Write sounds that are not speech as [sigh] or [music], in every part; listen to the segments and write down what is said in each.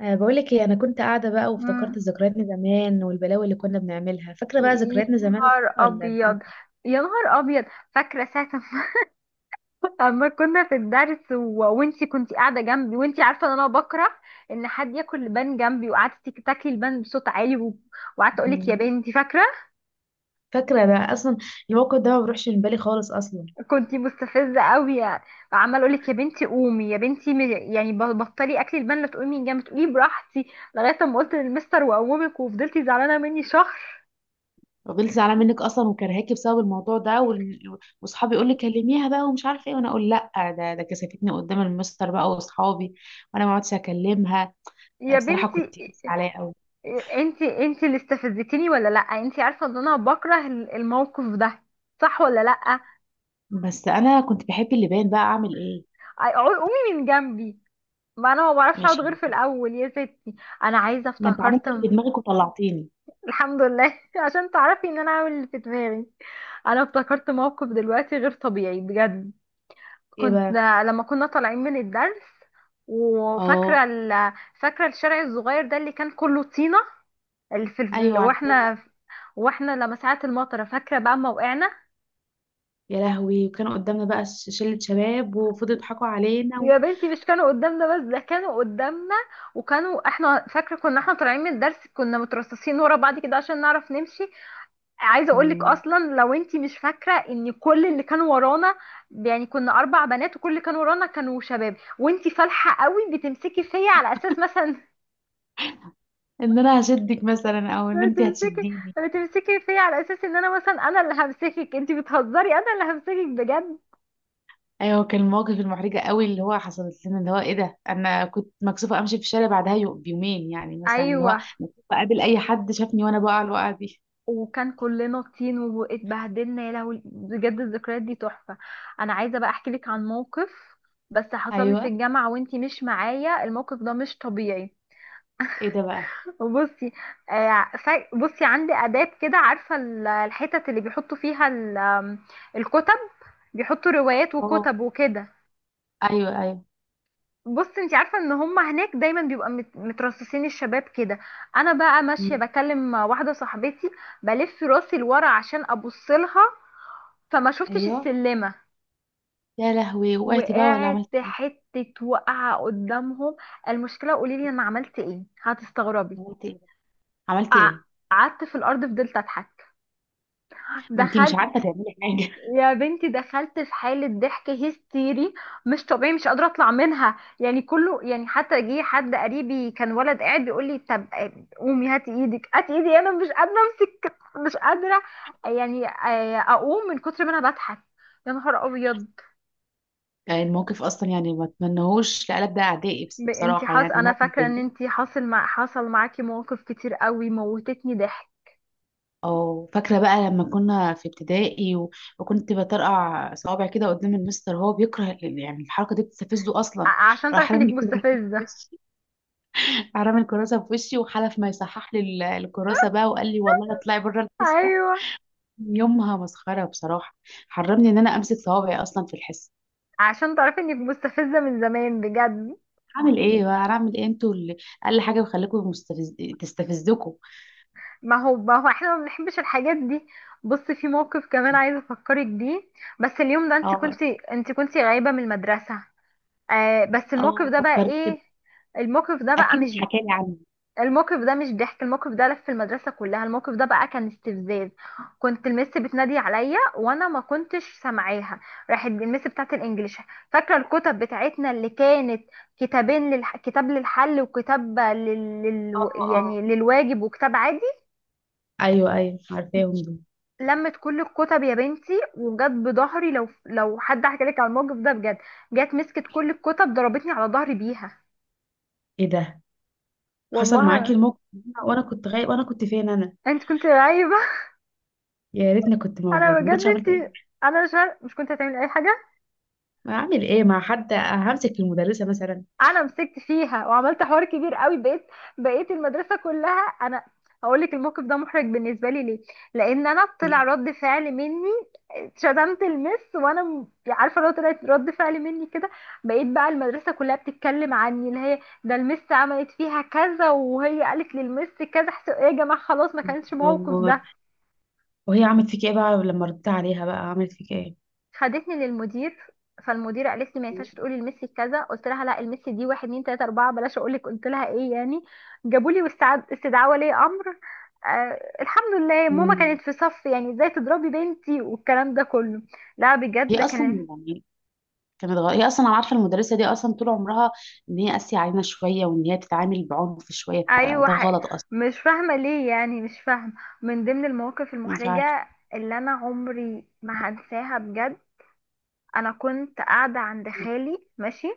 أه بقولك ايه، انا كنت قاعده بقى وافتكرت مم. ذكرياتنا زمان والبلاوي اللي كنا بنعملها. فاكره بقى يا ذكرياتنا زمان نهار وكده ولا نسيت؟ ابيض. يا نهار ابيض. فاكره ساعه ما [laughs] أما كنا في الدرس و... وانتي كنتي قاعده جنبي، وانتي عارفه ان انا بكره ان حد ياكل لبان جنبي، وقعدتي تاكلي لبان بصوت عالي وقعدت اقول لك يا مم. بنتي، فاكره؟ فاكره ده اصلا، الموقف ده ما بيروحش من بالي خالص اصلا. كنتي مستفزه قوي، عمال اقول لك يا بنتي قومي يا بنتي، بطلي اكلي لبان، لا تقومي من جنبي تقولي براحتي لغايه ما قلت للمستر واقومك، وفضلتي زعلانه مني شهر. فضلت زعلانه منك اصلا وكرهاكي بسبب الموضوع ده، واصحابي يقول لي كلميها بقى ومش عارفه ايه، وانا اقول لا. ده كسفتني قدام المستر بقى واصحابي، وانا ما عدتش اكلمها. يا بصراحه بنتي، كنت زعلانه قوي. انت اللي استفزتيني ولا لا، انت عارفه ان انا بكره الموقف ده، صح ولا لا؟ بس انا كنت بحب اللبان بقى، اعمل ايه؟ قومي من جنبي، ما انا ما بعرفش اقعد ماشي. غير في الاول يا ستي. انا عايزه ما انت عملت افتكرت اللي في دماغك وطلعتيني. الحمد لله [laughs] عشان تعرفي ان انا عامل اللي في دماغي. انا افتكرت موقف دلوقتي غير طبيعي بجد. ايه كنت بقى؟ لما كنا طالعين من الدرس اه. وفاكره فاكره الشارع الصغير ده اللي كان كله طينه، اللي في ايوه عارفه. واحنا، واحنا لما ساعه المطره فاكره بقى ما وقعنا. يا لهوي، وكانوا قدامنا بقى شلة شباب وفضلوا يضحكوا علينا يا بنتي، مش كانوا قدامنا بس، ده كانوا قدامنا وكانوا، احنا فاكره كنا احنا طالعين من الدرس، كنا مترصصين ورا بعض كده عشان نعرف نمشي. عايزه اقول لك مم. اصلا لو انتي مش فاكره ان كل اللي كانوا ورانا، يعني كنا اربع بنات وكل اللي كانوا ورانا كانوا شباب، وانتي فالحه قوي بتمسكي فيا على اساس مثلا ان انا هشدك مثلا او ان [laughs] انت بتمسكي هتشديني. بتمسكي فيا على اساس ان انا، مثلا انا اللي همسكك انتي بتهزري، انا اللي همسكك بجد. ايوه، كان المواقف المحرجة قوي اللي هو حصلت لنا، اللي هو ايه ده. انا كنت مكسوفة امشي في الشارع بعدها بيومين يعني، مثلا اللي هو ايوه بقابل اي حد شافني وانا بقع الوقعة دي. وكان كلنا طين واتبهدلنا، يا لهوي بجد الذكريات دي تحفة. انا عايزة بقى احكي لك عن موقف بس حصل لي في ايوه. الجامعة وانتي مش معايا، الموقف ده مش طبيعي. ايه ده بقى؟ بصي، بصي عندي آداب كده، عارفة الحتت اللي بيحطوا فيها ال- آم، الكتب، بيحطوا روايات اه، وكتب وكده. ايوه ايوه. بص انت عارفه ان هم هناك دايما بيبقى مترصصين الشباب كده. انا بقى ماشيه مم. بكلم واحده صاحبتي، بلف راسي لورا عشان ابص لها، فما شفتش ايوه. السلمه، يا لهوي، وقعتي بقى ولا وقعت عملت ايه؟ حته وقعه قدامهم. المشكله، قولي لي انا عملت ايه، هتستغربي. عملت ايه؟ عملت ايه؟ قعدت في الارض فضلت اضحك. ما انت مش عارفة دخلت تعملي حاجة. يا بنتي دخلت في حالة ضحك هستيري، مش طبيعي، مش قادرة اطلع منها يعني، كله يعني حتى جه حد قريبي كان ولد قاعد بيقول لي طب قومي هاتي ايدك هاتي ايدي، انا مش قادرة امسك، مش قادرة، يعني اقوم من كتر ما انا بضحك. يا نهار ابيض. يعني الموقف اصلا، يعني ما اتمنهوش لقلب ده اعدائي، بس ب- انتي بصراحه حاص يعني انا موقف فاكرة زي ان ده. انتي حاصل مع حصل معاكي مواقف كتير قوي موتتني ضحك. او فاكره بقى لما كنا في ابتدائي وكنت بطرقع صوابع كده قدام المستر، هو بيكره يعني الحركه دي بتستفزه اصلا. عشان راح تعرفي انك رامي الكراسه في مستفزة. وشي راح رامي الكراسه في وشي وحلف ما يصحح لي الكراسه [laughs] بقى، وقال لي والله اطلعي بره الحصه. ايوه، يومها مسخره بصراحه. حرمني ان انا امسك صوابعي اصلا في الحصه. عشان تعرفي انك مستفزة من زمان بجد. هعمل ايه بقى، هعمل ايه؟ انتوا اللي اقل حاجه بخليكم تستفزكم. ما هو، ما هو احنا ما بنحبش الحاجات دي. بص، في موقف كمان عايزه افكرك بيه بس. اليوم ده انت اه، كنتي، انت كنتي غايبه من المدرسه. آه، بس الموقف اه، ده بقى فكرت كده. ايه؟ الموقف ده بقى اكيد مش، اتحكى لي عنه. الموقف ده مش ضحك، الموقف ده لف في المدرسه كلها، الموقف ده بقى كان استفزاز. كنت المس بتنادي عليا وانا ما كنتش سامعاها، راحت المس بتاعت الانجليش، فاكره الكتب بتاعتنا اللي كانت كتابين كتاب للحل وكتاب اه، اه، يعني للواجب وكتاب عادي. ايوه ايوه عارفاهم دول. لمت كل الكتب يا بنتي وجت بظهري، لو حد حكى لك على الموقف ده بجد، جت مسكت كل الكتب ضربتني على ظهري بيها. ايه ده؟ حصل معاكي والله. الموقف ده؟ وانا كنت غايب، وانا كنت فين انا؟ انت كنت عايبه. يا ريتني كنت [laughs] انا موجود، ما بجد كنتش عملت ايه. انت، انا مش كنت هتعمل اي حاجه. ما اعمل ايه مع حد، همسك المدرسه مثلا؟ انا مسكت فيها وعملت حوار كبير قوي، بقيت المدرسه كلها انا. هقول لك الموقف ده محرج بالنسبه لي ليه، لان انا طلع ليه؟ رد فعل مني، شتمت المس، وانا عارفه لو طلعت رد فعل مني كده، بقيت بقى المدرسه كلها بتتكلم عني، اللي هي ده المس عملت فيها كذا وهي قالت للمس كذا، ايه يا جماعه، خلاص ما كانش موقف نهار. ده. وهي عملت فيك ايه بقى لما ردت عليها بقى، عملت فيك ايه؟ خدتني للمدير، فالمدير قالت لي ما ينفعش تقولي لميسي كذا، قلت لها لا، الميسي دي واحد اتنين تلاته اربعه، بلاش اقول لك قلت لها ايه يعني. جابوا لي استدعاء ولي امر. آه الحمد لله ماما امم. كانت في صف، يعني ازاي تضربي بنتي، والكلام ده كله. لا بجد هي ده اصلا كان، يعني كانت هي اصلا انا عارفه المدرسه دي اصلا طول عمرها ان هي قاسيه علينا شويه وان هي بتتعامل بعنف شويه، ايوه فده حق. غلط اصلا. مش فاهمه ليه، يعني مش فاهمه. من ضمن المواقف مش عارفه. المحرجه اللي انا عمري ما هنساها بجد، انا كنت قاعده عند خالي ماشي،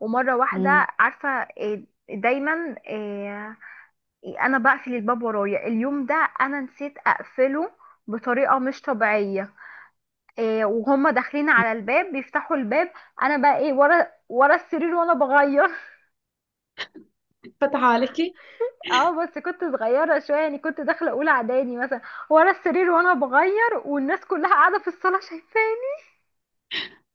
ومره واحده مم. عارفه إيه، دايما انا بقفل الباب ورايا، اليوم ده انا نسيت اقفله بطريقه مش طبيعيه. إيه، وهما داخلين على الباب بيفتحوا الباب، انا بقى ايه، ورا السرير وانا بغير. [laughs] فتح عليكي؟ اه بس كنت صغيره شويه، يعني كنت داخله اولى اعدادي مثلا، ورا السرير وانا بغير والناس كلها قاعده في الصاله شايفاني.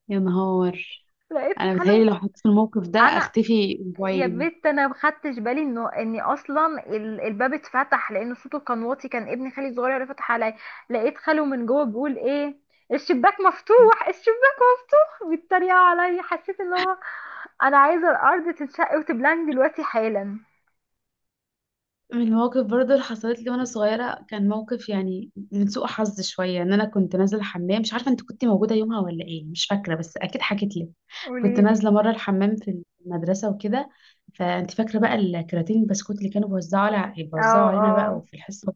يا نهار. لقيت انا خلو. بتهيألي لو حطيت في الموقف ده انا اختفي يا اسبوعين. بنت، انا ما خدتش بالي انه اني اصلا الباب اتفتح، لان صوته كان واطي، كان ابني خالي الصغير اللي فتح عليا. لقيت خاله من جوه بيقول ايه الشباك مفتوح الشباك. [laughs] بيتريقوا عليا، حسيت ان هو، انا عايزه الارض تنشق وتبلعني دلوقتي حالا. من المواقف برضه اللي حصلت لي وانا صغيره كان موقف، يعني من سوء حظ شويه، ان انا كنت نازله الحمام. مش عارفه انت كنت موجوده يومها ولا ايه، مش فاكره، بس اكيد حكيت لك. كنت قوليلي. نازله مره الحمام في المدرسه وكده. فانت فاكره بقى الكراتين البسكوت اللي كانوا بيوزعوا على بيوزعوا اه علينا بقى اه. وفي الحصه.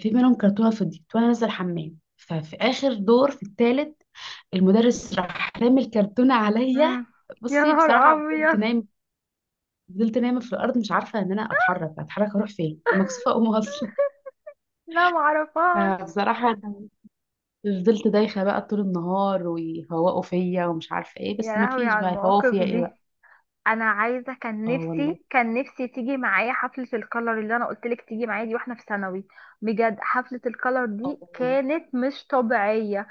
في منهم كرتونه فضيت، وانا نازله الحمام، ففي اخر دور في الثالث، المدرس راح رامي الكرتونة عليا. امم. يا بصي نهار بصراحة، فضلت ابيض. نايم. فضلت نايمة في الأرض، مش عارفة إن أنا أتحرك أروح فين، ومكسوفة أقوم [laughs] أصلا. لا [laughs] معرفهاش. فبصراحة أنا فضلت دايخة بقى طول النهار، ويفوقوا فيا ومش عارفة إيه، يا بس لهوي مفيش على بقى يفوقوا المواقف فيا إيه دي. بقى. انا عايزه، كان آه والله. نفسي كان نفسي تيجي معايا حفله الكلر اللي انا قلت لك تيجي معايا دي، واحنا في ثانوي. بجد حفله الكلر دي آه. كانت مش طبيعيه،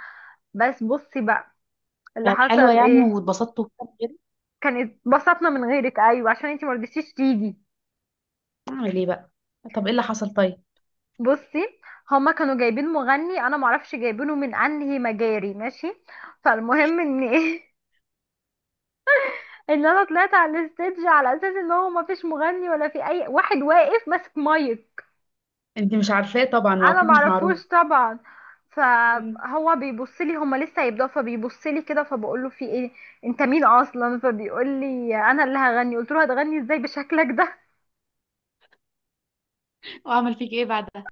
بس بصي بقى اللي كانت حلوة حصل يعني، ايه. واتبسطت وكده كده. كان، اتبسطنا من غيرك ايوه عشان انتي ما رضيتيش تيجي. أعمل إيه بقى؟ طب إيه اللي حصل طيب؟ بصي، هما كانوا جايبين مغني انا معرفش جايبينه من انهي مجاري، ماشي، فالمهم ان ايه، [laughs] ان انا طلعت على الستيدج على اساس ان هو مفيش مغني ولا في اي واحد واقف ماسك مايك. أنت مش عارفاه طبعا انا وأكيد مش معروف. معرفوش طبعا، مم. فهو بيبص لي، هما لسه هيبداوا فبيبص لي كده، فبقول له في ايه، انت مين اصلا، فبيقول لي انا اللي هغني، قلت له هتغني ازاي بشكلك ده. [laughs] وأعمل فيك إيه بعدها؟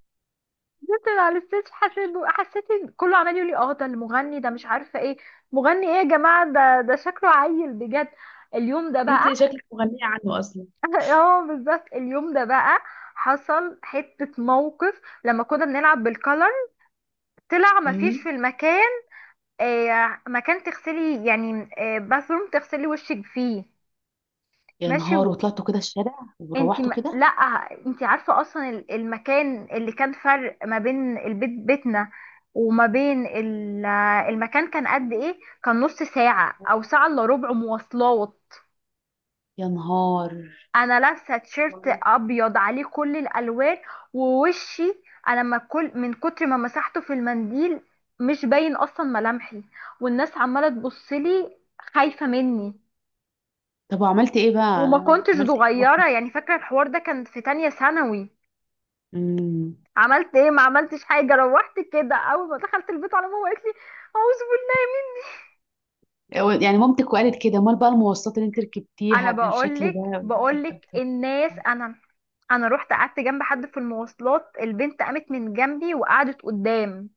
قلت له على الستيج، حسيت إن كله عمال يقول لي اه ده المغني، ده مش عارفه ايه، مغني ايه يا جماعه، ده شكله عيل بجد. اليوم ده بقى، أنت شكلك مغنية عنه أصلا. [laughs] اه بالظبط، اليوم ده بقى حصل حته موقف لما كنا بنلعب بالكلر، طلع مفيش مم. في المكان مكان تغسلي، يعني باثروم تغسلي وشك فيه. يا ماشي نهار، وطلعتوا كده الشارع انت وروحتوا كده؟ لا، انت عارفه اصلا المكان اللي كان، فرق ما بين البيت، بيتنا وما بين المكان، كان قد ايه، كان نص ساعه او ساعه الا ربع مواصلات. يا نهار. انا لابسه تيشيرت ابيض عليه كل الالوان ووشي، انا ما كل من كتر ما مسحته في المنديل مش باين اصلا ملامحي، والناس عماله تبصلي خايفه مني. طب وعملت ايه بقى؟ وما كنتش عملت ايه؟ رحت؟ صغيرة يعني، فاكرة الحوار ده كان في تانية ثانوي. امم. عملت ايه، ما عملتش حاجة، روحت كده، اول ما دخلت البيت على ماما قالت لي اعوذ بالله. يعني مامتك وقالت كده، امال بقى المواصلات اللي انت انا ركبتيها بالشكل بقولك ده؟ بقولك الناس، انا انا رحت قعدت جنب حد في المواصلات، البنت قامت من جنبي وقعدت قدام.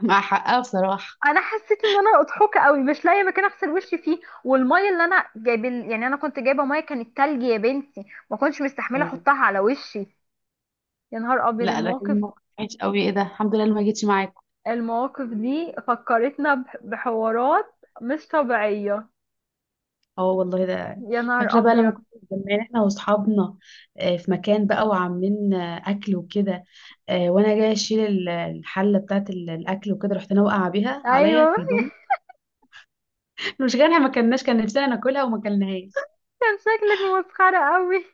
مع حقها بصراحة. انا حسيت ان انا اضحوكه قوي، مش لاقيه مكان اغسل وشي فيه، والميه اللي انا جايب، يعني انا كنت جايبه ميه كانت تلج يا بنتي، ما كنتش مستحمله اه. احطها على وشي. يا نهار ابيض لا، ده كان المواقف، موقف وحش قوي، ايه ده، الحمد لله اللي ما جيتش معاك. المواقف دي فكرتنا بحوارات مش طبيعية. اه والله ده. يا نهار فاكرة بقى لما ابيض. كنا متجمعين احنا واصحابنا، في مكان بقى وعاملين اكل وكده، وانا جاية اشيل الحلة بتاعت الاكل وكده، رحت انا واقعة بيها عليا ايوه. في [laughs] هدومي. [laughs] المشكلة ما كناش كان نفسنا ناكلها وما كلناهاش. كان شكلك مسخرة قوي.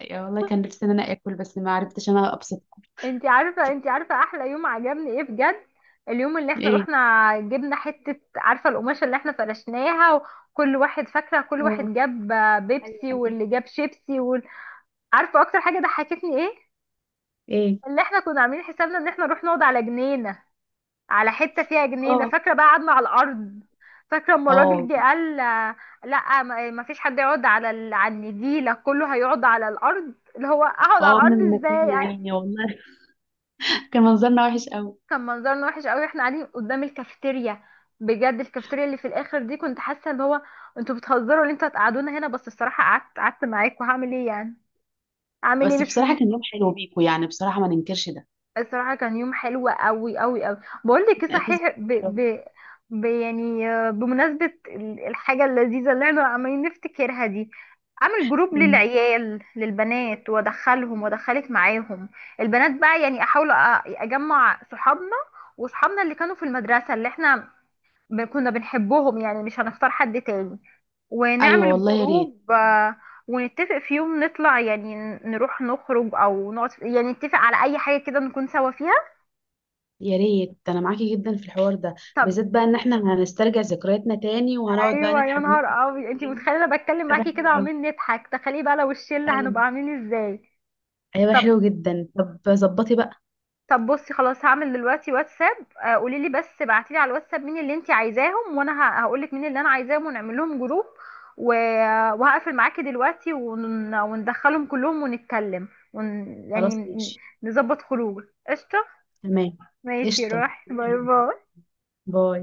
يا والله كان نفسي ان انا اكل، بس ما عرفتش انا ابسط. انتي [laughs] عارفة احلى يوم عجبني ايه بجد، اليوم اللي احنا ايه؟ رحنا، جبنا حتة، عارفة القماشة اللي احنا فرشناها، وكل واحد، فاكرة كل اه. واحد جاب ايوه بيبسي ايوه. واللي جاب شيبسي عارفة اكتر حاجة ضحكتني ايه؟ ايه؟ اللي احنا كنا عاملين حسابنا ان احنا نروح نقعد على جنينة، على حته فيها جنينه، اه. فاكره بقى قعدنا على الارض. فاكره اما الراجل اه. جه قال لا، ما فيش حد يقعد على على النجيله، كله هيقعد على الارض، اللي هو اقعد على اه، من الارض المكان، يا ازاي. عيني والله. [laughs] كان منظرنا وحش قوي. كان منظرنا وحش قوي، احنا قاعدين قدام الكافيتيريا، بجد الكافيتيريا اللي في الاخر دي كنت حاسه اللي هو، انتوا بتهزروا اللي انتوا هتقعدونا هنا، بس الصراحه قعدت معاكم هعمل ايه يعني، اعمل ايه بس مش. بصراحه كان يوم حلو بيكو، يعني بصراحه ما ننكرش ده. الصراحة كان يوم حلو قوي قوي قوي. بقول لك ايه [laughs] اعتذر، صحيح، كان حلو. يعني بمناسبة الحاجة اللذيذة اللي احنا عمالين نفتكرها دي، اعمل جروب للبنات وادخلهم وادخلك معاهم، البنات بقى، يعني احاول اجمع صحابنا، وصحابنا اللي كانوا في المدرسة اللي احنا كنا بنحبهم يعني، مش هنختار حد تاني، ايوه ونعمل والله، يا ريت. جروب ونتفق في يوم نطلع، يعني نروح نخرج او نقعد، يعني نتفق على اي حاجة كده نكون سوا فيها. يا ريت، انا معاكي جدا في الحوار ده. طب. بالذات بقى ان احنا هنسترجع ذكرياتنا تاني، وهنقعد بقى ايوه، يا نضحك نهار ونضحك ابيض، انتي تاني. متخيله انا بتكلم هيبقى معاكي حلو كده قوي. وعمالين نضحك، تخيلي بقى لو الشله ايوه. هنبقى عاملين ازاي. هيبقى طب حلو جدا. طب ظبطي بقى. طب بصي، خلاص هعمل دلوقتي واتساب. قولي لي بس، ابعتي لي على الواتساب مين اللي انتي عايزاهم، وانا هقول لك مين اللي انا عايزاهم، ونعمل لهم جروب و- وهقفل معاكي دلوقتي، وندخلهم كلهم ونتكلم ون... خلاص يعني ماشي. نظبط خروج. قشطه، تمام. ماشي، قشطه. روحي، باي باي. باي.